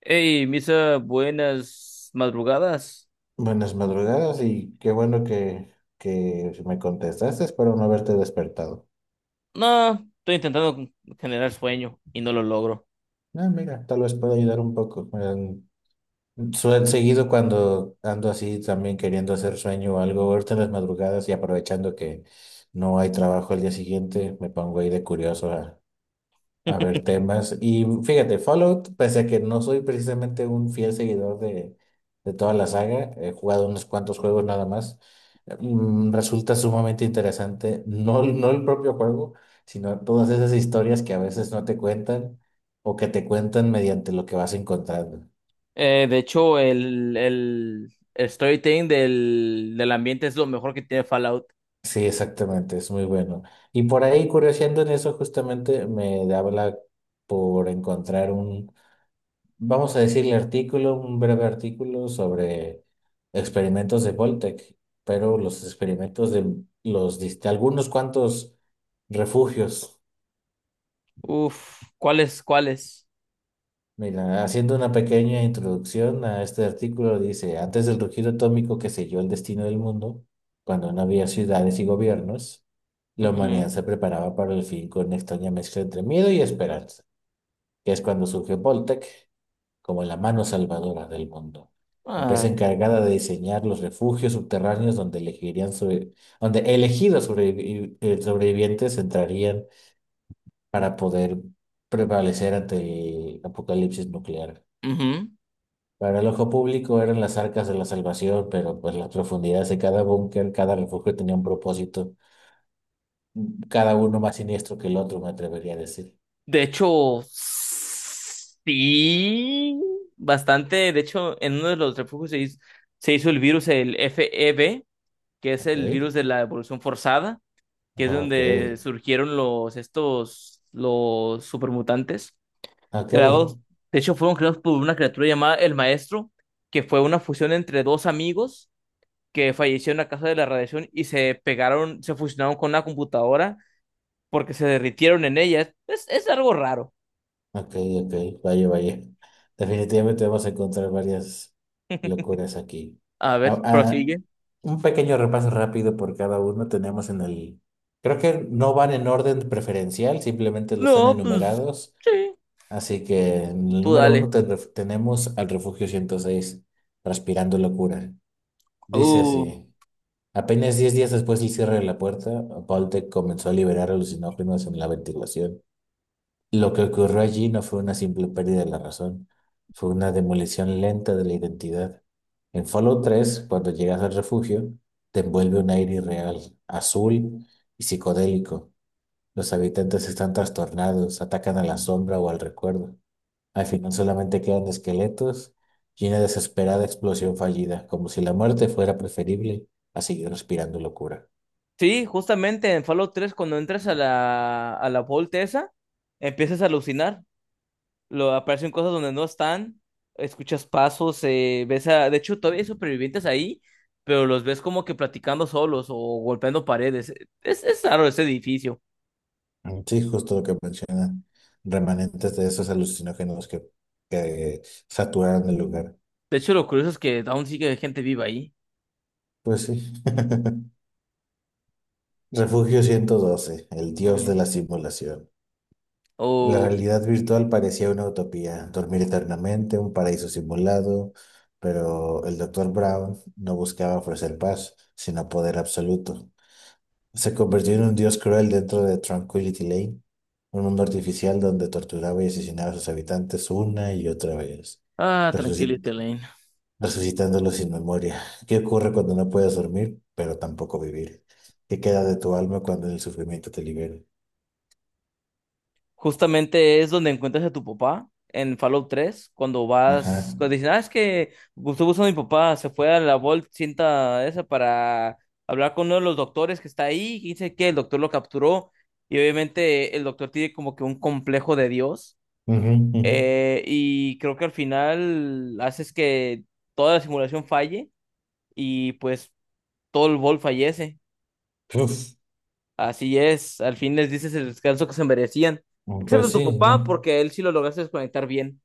Hey, Misa, buenas madrugadas. Buenas madrugadas y qué bueno que, me contestaste. Espero no haberte despertado. No, estoy intentando generar sueño y no lo logro. Ah, mira, tal vez pueda ayudar un poco. Seguido cuando ando así también queriendo hacer sueño o algo, ahorita en las madrugadas y aprovechando que no hay trabajo el día siguiente, me pongo ahí de curioso. A ver, temas. Y fíjate, Fallout, pese a que no soy precisamente un fiel seguidor de toda la saga, he jugado unos cuantos juegos nada más, resulta sumamente interesante, no, no el propio juego, sino todas esas historias que a veces no te cuentan o que te cuentan mediante lo que vas encontrando. De hecho, el storytelling del ambiente es lo mejor que tiene Fallout. Sí, exactamente, es muy bueno. Y por ahí, curioseando en eso, justamente me habla por encontrar un... Vamos a decirle artículo, un breve artículo sobre experimentos de Voltec, pero los experimentos de de algunos cuantos refugios. Uf, ¿cuáles? Mira, haciendo una pequeña introducción a este artículo, dice, antes del rugido atómico que selló el destino del mundo, cuando no había ciudades y gobiernos, la Ujú. humanidad se preparaba para el fin con una extraña mezcla entre miedo y esperanza, que es cuando surgió Voltec, como la mano salvadora del mundo, empresa Ah, encargada de diseñar los refugios subterráneos donde elegidos sobrevivientes entrarían para poder prevalecer ante el apocalipsis nuclear. ujú. Para el ojo público eran las arcas de la salvación, pero pues las profundidades de cada búnker, cada refugio tenía un propósito, cada uno más siniestro que el otro, me atrevería a decir. De hecho, sí, bastante. De hecho, en uno de los refugios se hizo el virus, el FEB, que es el Ok, virus de la evolución forzada. Que es ok, donde surgieron los supermutantes, ok. creados, de hecho fueron creados por una criatura llamada el Maestro, que fue una fusión entre dos amigos que fallecieron a causa de la radiación y se pegaron, se fusionaron con una computadora porque se derritieron en ella. Es algo raro. Ok, ok, vaya, vaya. Definitivamente vamos a encontrar varias locuras aquí. A Ah, ver, ah, prosigue. un pequeño repaso rápido por cada uno tenemos en el... Creo que no van en orden preferencial, simplemente los están No, pues enumerados. sí, Así que en el tú número uno dale. Tenemos al Refugio 106, Transpirando Locura. Dice Uh, así. Apenas 10 días después del cierre de la puerta, Boltec comenzó a liberar alucinógenos en la ventilación. Lo que ocurrió allí no fue una simple pérdida de la razón, fue una demolición lenta de la identidad. En Fallout 3, cuando llegas al refugio, te envuelve un aire irreal, azul y psicodélico. Los habitantes están trastornados, atacan a la sombra o al recuerdo. Al final solamente quedan esqueletos y una desesperada explosión fallida, como si la muerte fuera preferible a seguir respirando locura. sí, justamente en Fallout 3 cuando entras a la Vault esa, empiezas a alucinar lo, aparecen cosas donde no están, escuchas pasos, ves a, de hecho todavía hay supervivientes ahí, pero los ves como que platicando solos o golpeando paredes. Es raro ese edificio. Mm, sí, justo lo que menciona, remanentes de esos alucinógenos que saturaron el lugar. De hecho, lo curioso es que aún sigue gente viva ahí. Pues sí. Refugio 112, el dios de la Ujú. simulación. La Oh, realidad virtual parecía una utopía, dormir eternamente, un paraíso simulado, pero el doctor Brown no buscaba ofrecer paz, sino poder absoluto. Se convirtió en un dios cruel dentro de Tranquility Lane, un mundo artificial donde torturaba y asesinaba a sus habitantes una y otra vez, ah, resuci- tranquilízate. resucitándolos sin memoria. ¿Qué ocurre cuando no puedes dormir, pero tampoco vivir? ¿Qué queda de tu alma cuando el sufrimiento te libera? Justamente es donde encuentras a tu papá en Fallout 3, cuando vas, Ajá. cuando dicen, ah, es que Gustavo Uso, mi papá, se fue a la Vault cinta esa para hablar con uno de los doctores que está ahí, y dice que el doctor lo capturó, y obviamente el doctor tiene como que un complejo de Dios, Ujú, ujú. Y creo que al final haces que toda la simulación falle, y pues todo el Vault fallece, Uf. así es, al fin les dices el descanso que se merecían, excepto Pues tu sí, papá, ¿no? porque a él sí lo lograste desconectar bien.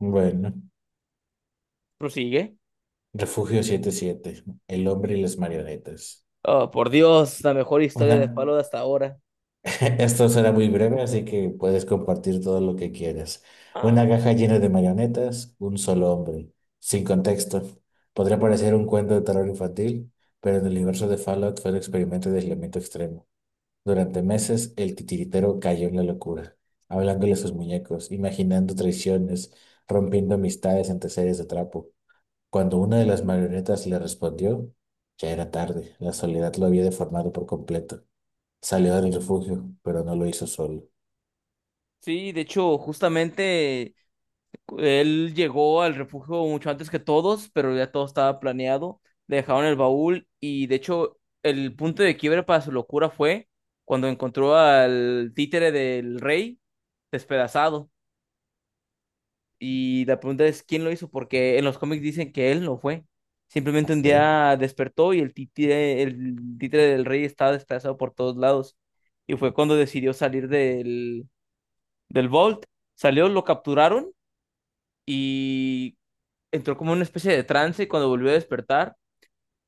Bueno. Prosigue. Refugio 77, el hombre y las marionetas. Oh, por Dios, la mejor historia Una. de Fallout de hasta ahora. Esto será muy breve, así que puedes compartir todo lo que quieras. Ah, Una caja llena de marionetas, un solo hombre, sin contexto. Podría parecer un cuento de terror infantil, pero en el universo de Fallout fue un experimento de aislamiento extremo. Durante meses, el titiritero cayó en la locura, hablándole a sus muñecos, imaginando traiciones, rompiendo amistades ante series de trapo. Cuando una de las marionetas le respondió, ya era tarde, la soledad lo había deformado por completo. Salió del refugio, pero no lo hizo solo. sí, de hecho, justamente él llegó al refugio mucho antes que todos, pero ya todo estaba planeado. Le dejaron el baúl y de hecho el punto de quiebre para su locura fue cuando encontró al títere del rey despedazado. Y la pregunta es, ¿quién lo hizo? Porque en los cómics dicen que él no fue. Simplemente un Ok, día despertó y el títere del rey estaba despedazado por todos lados. Y fue cuando decidió salir del Vault. Salió, lo capturaron y entró como una especie de trance. Y cuando volvió a despertar,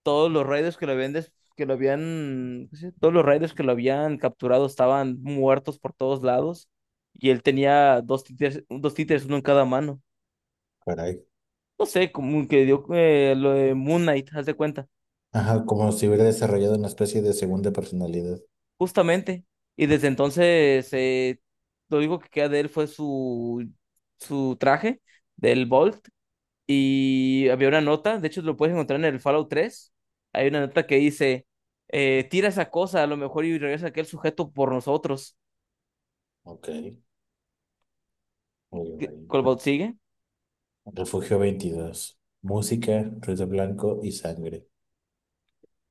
todos los raiders que lo habían, que lo habían, ¿cómo se dice? Todos los raiders que lo habían capturado estaban muertos por todos lados. Y él tenía dos títeres, uno en cada mano. caray. No sé, como que dio lo de Moon Knight, haz de cuenta, Ajá, como si hubiera desarrollado una especie de segunda personalidad. justamente. Y desde entonces, lo único que queda de él fue su traje del Bolt. Y había una nota, de hecho lo puedes encontrar en el Fallout 3. Hay una nota que dice, tira esa cosa a lo mejor y regresa aquel sujeto por nosotros. Ok, muy ¿Qué- bien. ¿Colbaut sigue? Refugio 22, música, ruido blanco y sangre.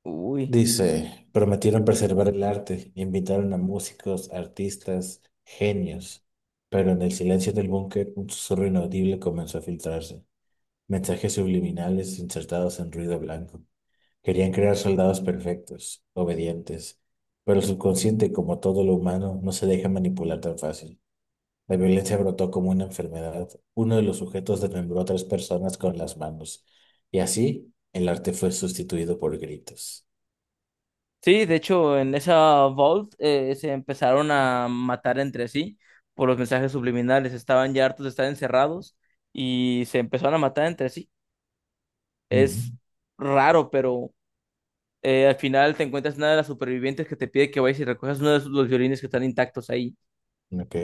Uy. Dice, prometieron preservar el arte, invitaron a músicos, artistas, genios, pero en el silencio del búnker un susurro inaudible comenzó a filtrarse. Mensajes subliminales insertados en ruido blanco. Querían crear soldados perfectos, obedientes, pero el subconsciente, como todo lo humano, no se deja manipular tan fácil. La violencia brotó como una enfermedad. Uno de los sujetos desmembró a tres personas con las manos, y así el arte fue sustituido por gritos. Sí, de hecho, en esa Vault se empezaron a matar entre sí por los mensajes subliminales. Estaban ya hartos de estar encerrados y se empezaron a matar entre sí. Es raro, pero al final te encuentras una de las supervivientes que te pide que vayas y recojas uno de sus- los violines que están intactos ahí. Ujú, ok.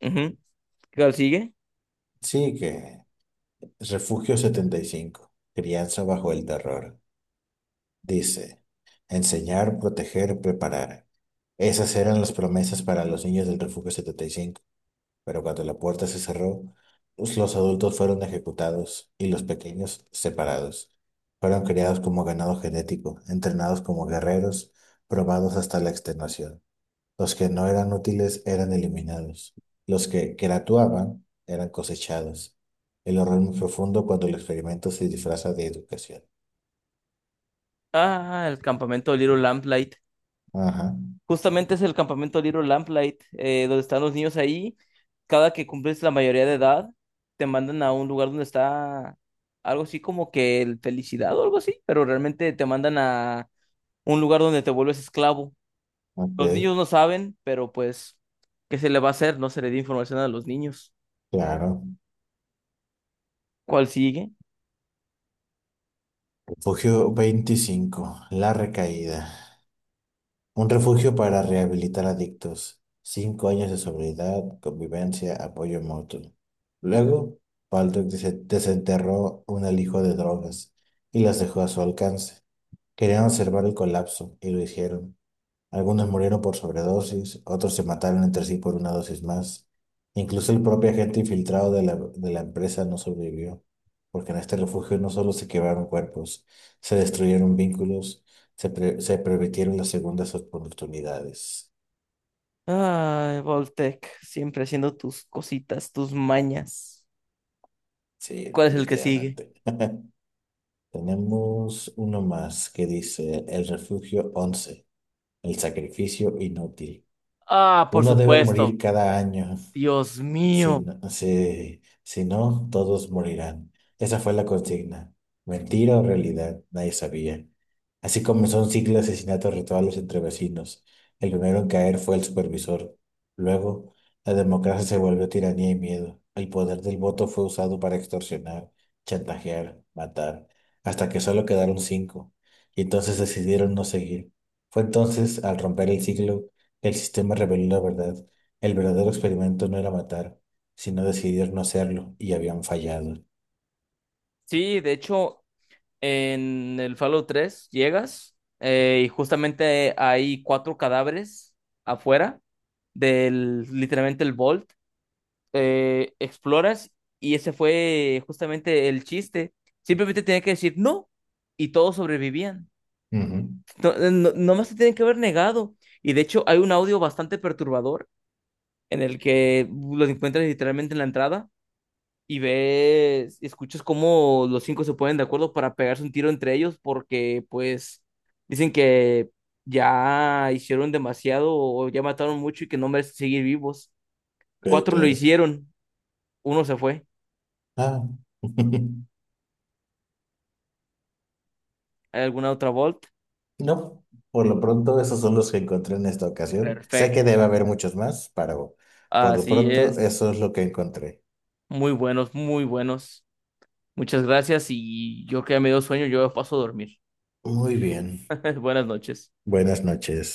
Ujú. ¿Qué tal sigue? Sí, que Refugio 75, crianza bajo el terror. Dice, enseñar, proteger, preparar. Esas eran las promesas para los niños del Refugio 75, pero cuando la puerta se cerró, pues, los adultos fueron ejecutados y los pequeños separados. Fueron criados como ganado genético, entrenados como guerreros, probados hasta la extenuación. Los que no eran útiles eran eliminados. Los que gratuaban eran cosechados. El horror muy profundo cuando el experimento se disfraza de educación. Ah, el campamento de Little Lamplight. Ajá, Justamente es el campamento Little Lamplight, donde están los niños ahí. Cada que cumples la mayoría de edad, te mandan a un lugar donde está algo así como que el felicidad o algo así, pero realmente te mandan a un lugar donde te vuelves esclavo. ok, Los niños no saben, pero pues, ¿qué se le va a hacer? No se le dio información a los niños. claro. ¿Cuál sigue? Refugio 25, la recaída. Un refugio para rehabilitar adictos. 5 años de sobriedad, convivencia, apoyo mutuo. Luego, Baldock desenterró un alijo de drogas y las dejó a su alcance. Querían observar el colapso y lo hicieron. Algunos murieron por sobredosis, otros se mataron entre sí por una dosis más. Incluso el propio agente infiltrado de la empresa no sobrevivió, porque en este refugio no solo se quebraron cuerpos, se destruyeron vínculos, se permitieron las segundas oportunidades. Ay, Voltec, siempre haciendo tus cositas, tus mañas. Sí, ¿Cuál es el que sigue? definitivamente. Tenemos uno más que dice el refugio 11, el sacrificio inútil. Ah, por Uno debe morir supuesto. cada año. Dios Si mío. no, si no, todos morirán. Esa fue la consigna. Mentira o realidad, nadie sabía. Así comenzó un ciclo de asesinatos rituales entre vecinos. El primero en caer fue el supervisor. Luego, la democracia se volvió tiranía y miedo. El poder del voto fue usado para extorsionar, chantajear, matar, hasta que solo quedaron cinco. Y entonces decidieron no seguir. Fue entonces, al romper el ciclo, que el sistema reveló la verdad. El verdadero experimento no era matar, sino decidieron no hacerlo y habían fallado. Sí, de hecho, en el Fallout 3 llegas y justamente hay 4 cadáveres afuera del literalmente el Vault. Exploras y ese fue justamente el chiste. Simplemente tenía que decir no y todos sobrevivían. Ujú, No, nomás se tienen que haber negado. Y de hecho hay un audio bastante perturbador en el que lo encuentras literalmente en la entrada y ves, y escuchas cómo los 5 se ponen de acuerdo para pegarse un tiro entre ellos porque pues dicen que ya hicieron demasiado o ya mataron mucho y que no merecen seguir vivos. ok, Cuatro lo claro. hicieron, uno se fue. Ah. ¿Hay alguna otra Volt? No, por lo pronto esos son los que encontré en esta ocasión. Sé que Perfecto. debe haber muchos más, pero por lo Así pronto es. eso es lo que encontré. Muy buenos, muy buenos. Muchas gracias y yo que ya me dio sueño, yo paso a dormir. Muy bien. Buenas noches. Buenas noches.